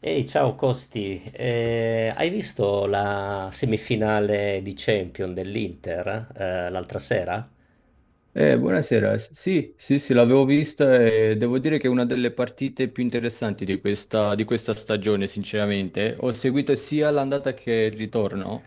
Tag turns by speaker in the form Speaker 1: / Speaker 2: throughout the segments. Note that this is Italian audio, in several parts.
Speaker 1: Ehi, ciao Costi. Hai visto la semifinale di Champions dell'Inter, l'altra sera?
Speaker 2: Buonasera. Sì, l'avevo vista e devo dire che è una delle partite più interessanti di questa stagione, sinceramente. Ho seguito sia l'andata che il ritorno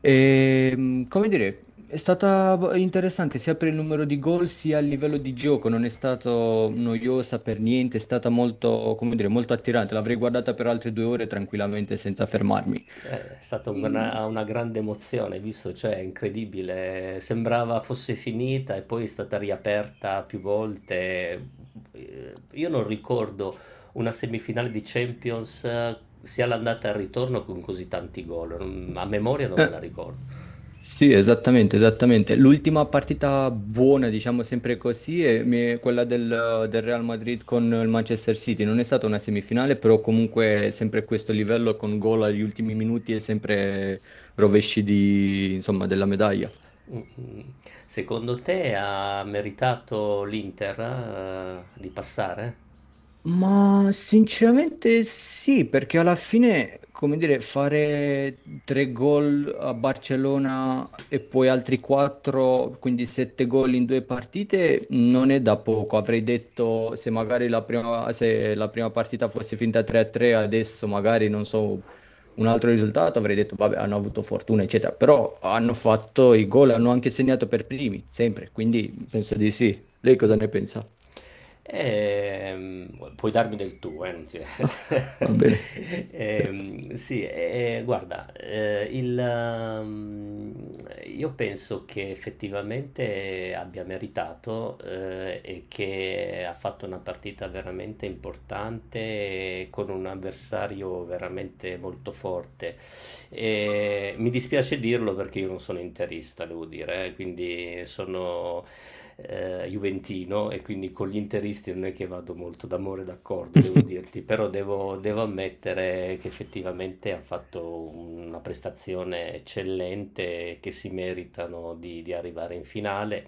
Speaker 2: e, come dire, è stata interessante sia per il numero di gol sia a livello di gioco, non è stata noiosa per niente, è stata molto, come dire, molto attirante. L'avrei guardata per altre due ore tranquillamente senza fermarmi.
Speaker 1: È stata
Speaker 2: Mm,
Speaker 1: una grande emozione, hai visto? Cioè, è incredibile, sembrava fosse finita e poi è stata riaperta più volte. Io non ricordo una semifinale di Champions, sia l'andata e il ritorno con così tanti gol. A memoria non me
Speaker 2: eh,
Speaker 1: la ricordo.
Speaker 2: Sì, esattamente, esattamente. L'ultima partita buona, diciamo sempre così, è è quella del Real Madrid con il Manchester City. Non è stata una semifinale, però comunque sempre questo livello con gol agli ultimi minuti e sempre rovesci di, insomma, della medaglia.
Speaker 1: Mm-mm. Secondo te ha meritato l'Inter, di passare?
Speaker 2: Ma sinceramente sì, perché alla fine, come dire, fare tre gol a Barcellona e poi altri quattro, quindi sette gol in due partite, non è da poco. Avrei detto se magari la prima, se la prima partita fosse finta 3-3, adesso magari non so, un altro risultato, avrei detto vabbè, hanno avuto fortuna, eccetera. Però hanno fatto i gol, hanno anche segnato per primi, sempre, quindi penso di sì. Lei cosa
Speaker 1: Mm.
Speaker 2: ne pensa?
Speaker 1: Puoi darmi del tuo, non ti-
Speaker 2: Va bene. Certo.
Speaker 1: Sì, guarda, io penso che effettivamente abbia meritato, e che ha fatto una partita veramente importante con un avversario veramente molto forte. E mi dispiace dirlo perché io non sono interista, devo dire, quindi sono juventino, e quindi con gli interisti non è che vado molto d'amore d'accordo, devo dirti, però devo, devo ammettere che effettivamente ha fatto una prestazione eccellente, che si meritano di arrivare in finale.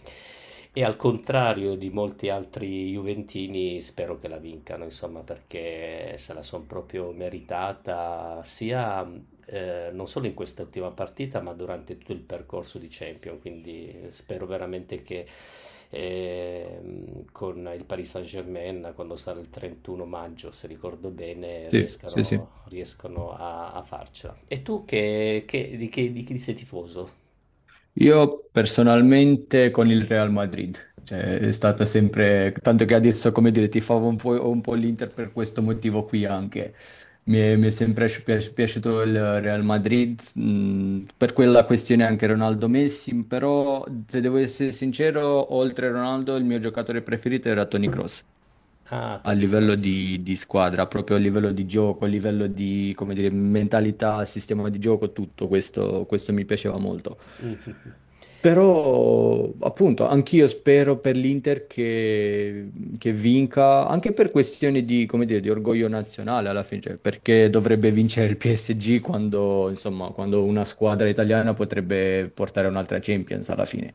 Speaker 1: E al contrario di molti altri juventini, spero che la vincano, insomma, perché se la sono proprio meritata, sia non solo in quest'ultima partita, ma durante tutto il percorso di Champions. Quindi spero veramente che con il Paris Saint-Germain, quando sarà il 31 maggio, se ricordo bene,
Speaker 2: Sì, sì, sì.
Speaker 1: riescano, riescano a, a farcela. E tu di chi sei tifoso?
Speaker 2: Io personalmente con il Real Madrid, cioè è stata sempre, tanto che adesso, come dire, tifavo un po' l'Inter per questo motivo qui anche. Mi è sempre piaciuto il Real Madrid, per quella questione anche Ronaldo Messi, però se devo essere sincero, oltre a Ronaldo, il mio giocatore preferito era Toni Kroos.
Speaker 1: Ah,
Speaker 2: A
Speaker 1: Tony
Speaker 2: livello
Speaker 1: Cross.
Speaker 2: di squadra, proprio a livello di gioco, a livello di, come dire, mentalità, sistema di gioco, tutto questo, questo mi piaceva molto. Però, appunto, anch'io spero per l'Inter che vinca, anche per questioni di, come dire, di orgoglio nazionale alla fine, cioè, perché dovrebbe vincere il PSG quando, insomma, quando una squadra italiana potrebbe portare un'altra Champions alla fine.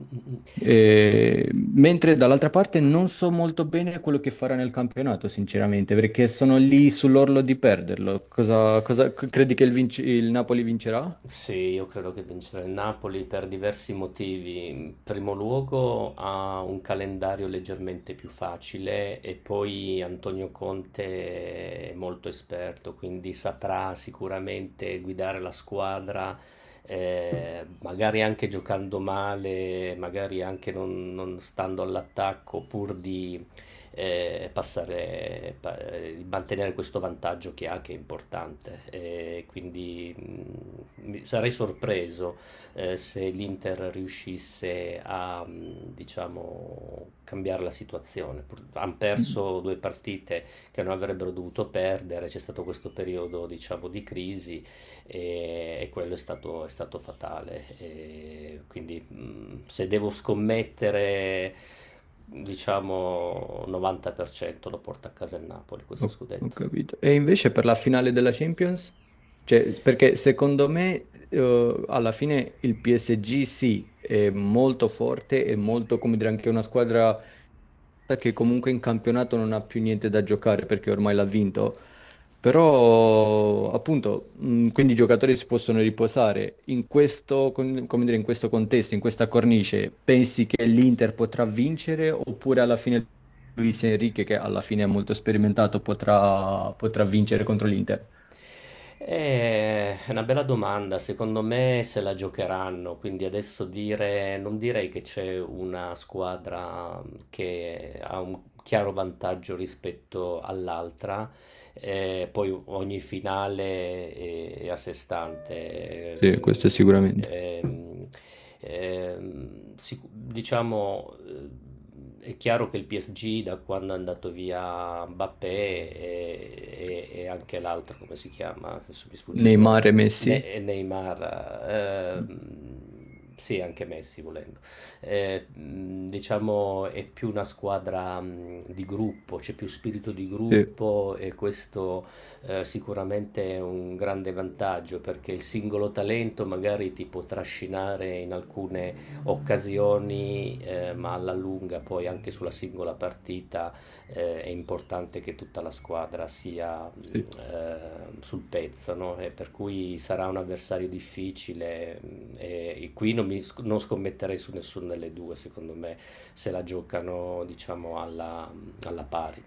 Speaker 2: Mentre dall'altra parte non so molto bene quello che farà nel campionato, sinceramente, perché sono lì sull'orlo di perderlo. Credi che il Napoli vincerà?
Speaker 1: Sì, io credo che vincerà il Napoli per diversi motivi. In primo luogo ha un calendario leggermente più facile, e poi Antonio Conte è molto esperto, quindi saprà sicuramente guidare la squadra, magari anche giocando male, magari anche non, non stando all'attacco, pur di mantenere questo vantaggio che ha, che è importante. E quindi sarei sorpreso se l'Inter riuscisse a, diciamo, cambiare la situazione. Hanno
Speaker 2: Mm,
Speaker 1: perso due partite che non avrebbero dovuto perdere, c'è stato questo periodo, diciamo, di crisi, e quello è stato fatale. E quindi se devo scommettere, diciamo 90% lo porta a casa il Napoli questo
Speaker 2: ho
Speaker 1: scudetto.
Speaker 2: capito. E invece per la finale della Champions? Cioè, perché secondo me, alla fine il PSG sì, è molto forte, è molto, come dire, anche una squadra che comunque in campionato non ha più niente da giocare perché ormai l'ha vinto. Però, appunto, quindi i giocatori si possono riposare. In questo, come dire, in questo contesto, in questa cornice, pensi che l'Inter potrà vincere oppure alla fine Luis Enrique, che alla fine è molto sperimentato, potrà vincere contro l'Inter?
Speaker 1: È una bella domanda. Secondo me se la giocheranno, quindi adesso dire, non direi che c'è una squadra che ha un chiaro vantaggio rispetto all'altra. Poi ogni finale è a sé stante.
Speaker 2: Sì, questo sicuramente.
Speaker 1: Diciamo, è chiaro che il PSG, da quando è andato via Mbappé e, e anche l'altro, come si chiama? Adesso mi sfugge il nome.
Speaker 2: Neymar e Messi?
Speaker 1: Neymar, sì, anche Messi volendo, diciamo è più una squadra di gruppo, c'è più spirito di
Speaker 2: Sì,
Speaker 1: gruppo, e questo sicuramente è un grande vantaggio, perché il singolo talento magari ti può trascinare in alcune occasioni, ma alla lunga poi anche sulla singola partita è importante che tutta la squadra sia
Speaker 2: sì,
Speaker 1: sul pezzo, no? E per cui sarà un avversario difficile e qui non, non scommetterei su nessuna delle due, secondo me. Se la giocano, diciamo, alla, mm, alla pari.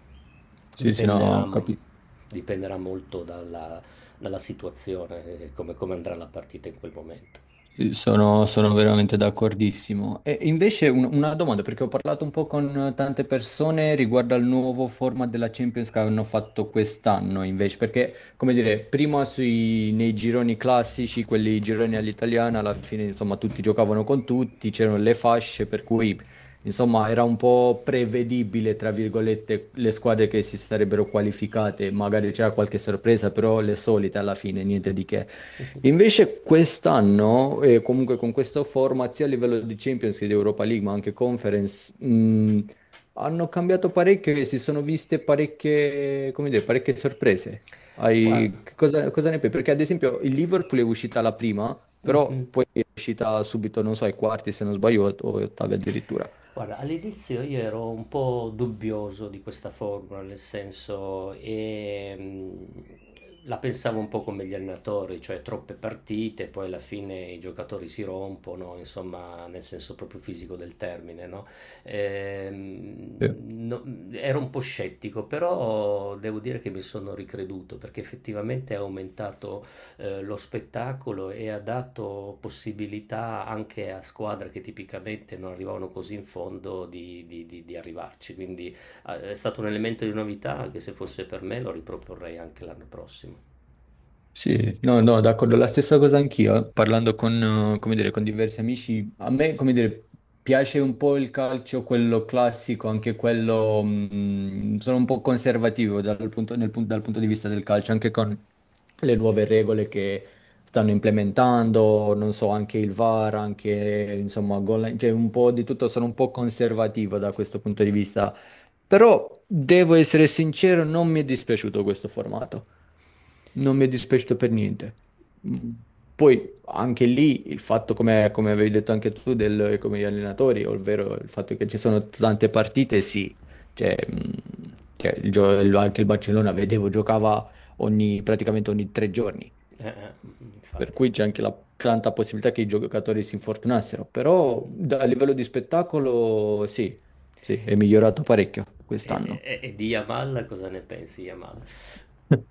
Speaker 2: sì, sì, no,
Speaker 1: Dipenderà,
Speaker 2: ho
Speaker 1: mm,
Speaker 2: capito.
Speaker 1: dipenderà molto dalla, dalla situazione, come, come andrà la partita in quel momento.
Speaker 2: Sì, sono veramente d'accordissimo. E invece una domanda, perché ho parlato un po' con tante persone riguardo al nuovo format della Champions che hanno fatto quest'anno, invece, perché, come dire, prima nei gironi classici, quelli gironi all'italiana, alla fine, insomma, tutti giocavano con tutti, c'erano le fasce, per cui, insomma, era un po' prevedibile, tra virgolette, le squadre che si sarebbero qualificate, magari c'era qualche sorpresa, però le solite alla fine, niente di che. Invece quest'anno, e comunque con questa format, sia a livello di Champions che di Europa League, ma anche Conference, hanno cambiato parecchio e si sono viste parecchie, come dire, parecchie sorprese.
Speaker 1: Guarda,
Speaker 2: Che cosa ne pensi? Perché ad esempio il Liverpool è uscita la prima, però poi è uscita subito, non so, ai quarti se non sbaglio, o ottavi addirittura.
Speaker 1: Guarda, all'inizio io ero un po' dubbioso di questa formula, nel senso, la pensavo un po' come gli allenatori, cioè troppe partite, poi alla fine i giocatori si rompono, insomma, nel senso proprio fisico del termine, no? Ehm,
Speaker 2: Sì.
Speaker 1: no- Ero un po' scettico, però devo dire che mi sono ricreduto, perché effettivamente è aumentato lo spettacolo e ha dato possibilità anche a squadre che tipicamente non arrivavano così in fondo di, di arrivarci. Quindi è stato un elemento di novità, anche se fosse per me lo riproporrei anche l'anno prossimo.
Speaker 2: Sì, no, no, d'accordo, la stessa cosa anch'io, eh. Parlando con, come dire, con diversi amici, a me, come dire, piace un po' il calcio, quello classico, anche quello, sono un po' conservativo dal punto di vista del calcio, anche con le nuove regole che stanno implementando, non so, anche il VAR, anche, insomma, gol line, cioè un po' di tutto, sono un po' conservativo da questo punto di vista, però devo essere sincero, non mi è dispiaciuto questo formato. Non mi è dispiaciuto per niente. Mm. Poi anche lì il fatto, come avevi detto anche tu, del, come gli allenatori, ovvero il fatto che ci sono tante partite, sì. Cioè, il anche il Barcellona, vedevo, giocava praticamente ogni tre giorni.
Speaker 1: Mm,
Speaker 2: Per
Speaker 1: infatti.
Speaker 2: cui c'è anche la tanta possibilità che i giocatori si infortunassero. Però
Speaker 1: Mm.
Speaker 2: a livello di spettacolo, sì, sì, è
Speaker 1: E,
Speaker 2: migliorato parecchio
Speaker 1: e-
Speaker 2: quest'anno.
Speaker 1: e di Yamal cosa ne pensi, Yamal?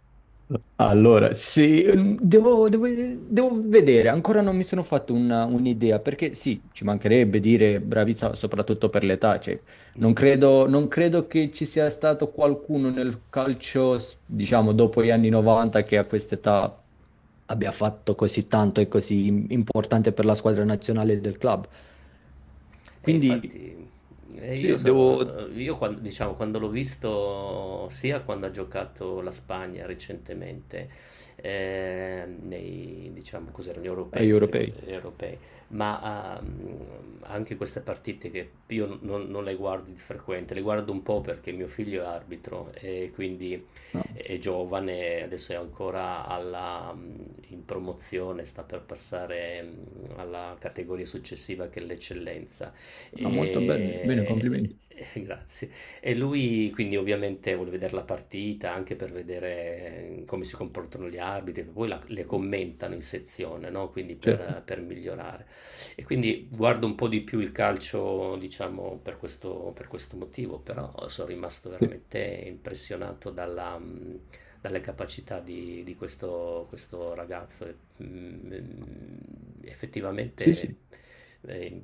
Speaker 2: Allora, sì, devo vedere, ancora non mi sono fatto un'idea, perché sì, ci mancherebbe dire bravizza soprattutto per l'età, cioè, non credo, non credo che ci sia stato qualcuno nel calcio, diciamo, dopo gli anni 90 che a quest'età abbia fatto così tanto e così importante per la squadra nazionale del club.
Speaker 1: E
Speaker 2: Quindi
Speaker 1: infatti io
Speaker 2: sì, devo
Speaker 1: sono, io quando, diciamo, quando l'ho visto sia quando ha giocato la Spagna recentemente, nei, diciamo, cos'erano gli
Speaker 2: agli
Speaker 1: europei, se ricordo-
Speaker 2: europei.
Speaker 1: gli europei, ma anche queste partite che io non, non le guardo di frequente, le guardo un po' perché mio figlio è arbitro, e quindi
Speaker 2: No,
Speaker 1: è giovane, adesso è ancora alla, in promozione, sta per passare mm, alla categoria successiva che è l'eccellenza
Speaker 2: no, molto bene, bene,
Speaker 1: e...
Speaker 2: complimenti.
Speaker 1: Grazie. E lui quindi ovviamente vuole vedere la partita anche per vedere come si comportano gli arbitri, che poi le commentano in sezione, no? Quindi
Speaker 2: Certo.
Speaker 1: per migliorare. E quindi guardo un po' di più il calcio, diciamo, per questo motivo, però sono rimasto
Speaker 2: Sì.
Speaker 1: veramente impressionato dalla, dalle capacità di questo, questo ragazzo
Speaker 2: Sì, sì,
Speaker 1: effettivamente eh,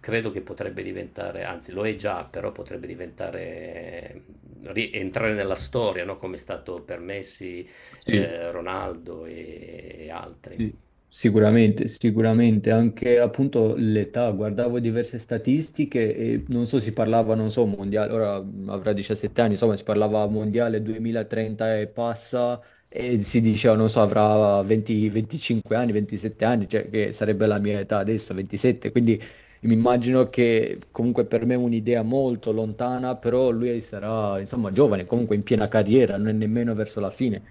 Speaker 1: credo che potrebbe diventare, anzi lo è già, però potrebbe diventare, entrare nella storia, no? Come è stato per Messi,
Speaker 2: sì,
Speaker 1: Ronaldo e altri.
Speaker 2: sì, sicuramente, sicuramente, anche appunto l'età, guardavo diverse statistiche e non so, si parlava, non so, mondiale, ora avrà 17 anni, insomma, si parlava mondiale 2030 e passa e si diceva, non so, avrà 20, 25 anni, 27 anni, cioè che sarebbe la mia età adesso, 27, quindi mi immagino che comunque per me è un'idea molto lontana, però lui sarà, insomma, giovane, comunque in piena carriera, non è nemmeno verso la fine.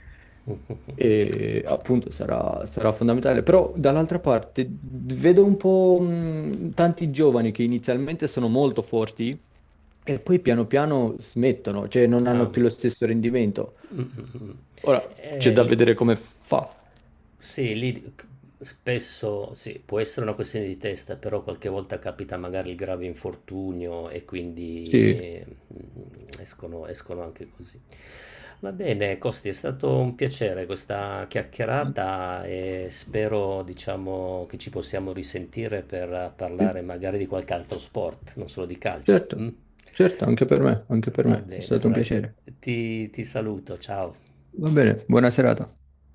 Speaker 2: E appunto sarà, sarà fondamentale. Però dall'altra parte vedo un po' tanti giovani che inizialmente sono molto forti e poi piano piano smettono, cioè non
Speaker 1: Ah,
Speaker 2: hanno
Speaker 1: mm,
Speaker 2: più lo stesso rendimento.
Speaker 1: mm, mm. Mm.
Speaker 2: Ora c'è
Speaker 1: Eh,
Speaker 2: da
Speaker 1: li-
Speaker 2: vedere come fa.
Speaker 1: Sì, lì spesso sì, può essere una questione di testa, però qualche volta capita magari il grave infortunio, e quindi
Speaker 2: Sì,
Speaker 1: escono, escono anche così. Va bene, Costi, è stato un piacere questa chiacchierata, e spero, diciamo, che ci possiamo risentire per
Speaker 2: sì,
Speaker 1: parlare magari di qualche altro sport, non solo di calcio. Mm?
Speaker 2: certo, certo, anche per
Speaker 1: Va
Speaker 2: me, è
Speaker 1: bene,
Speaker 2: stato un
Speaker 1: allora
Speaker 2: piacere.
Speaker 1: ti saluto, ciao.
Speaker 2: Va bene, buona serata.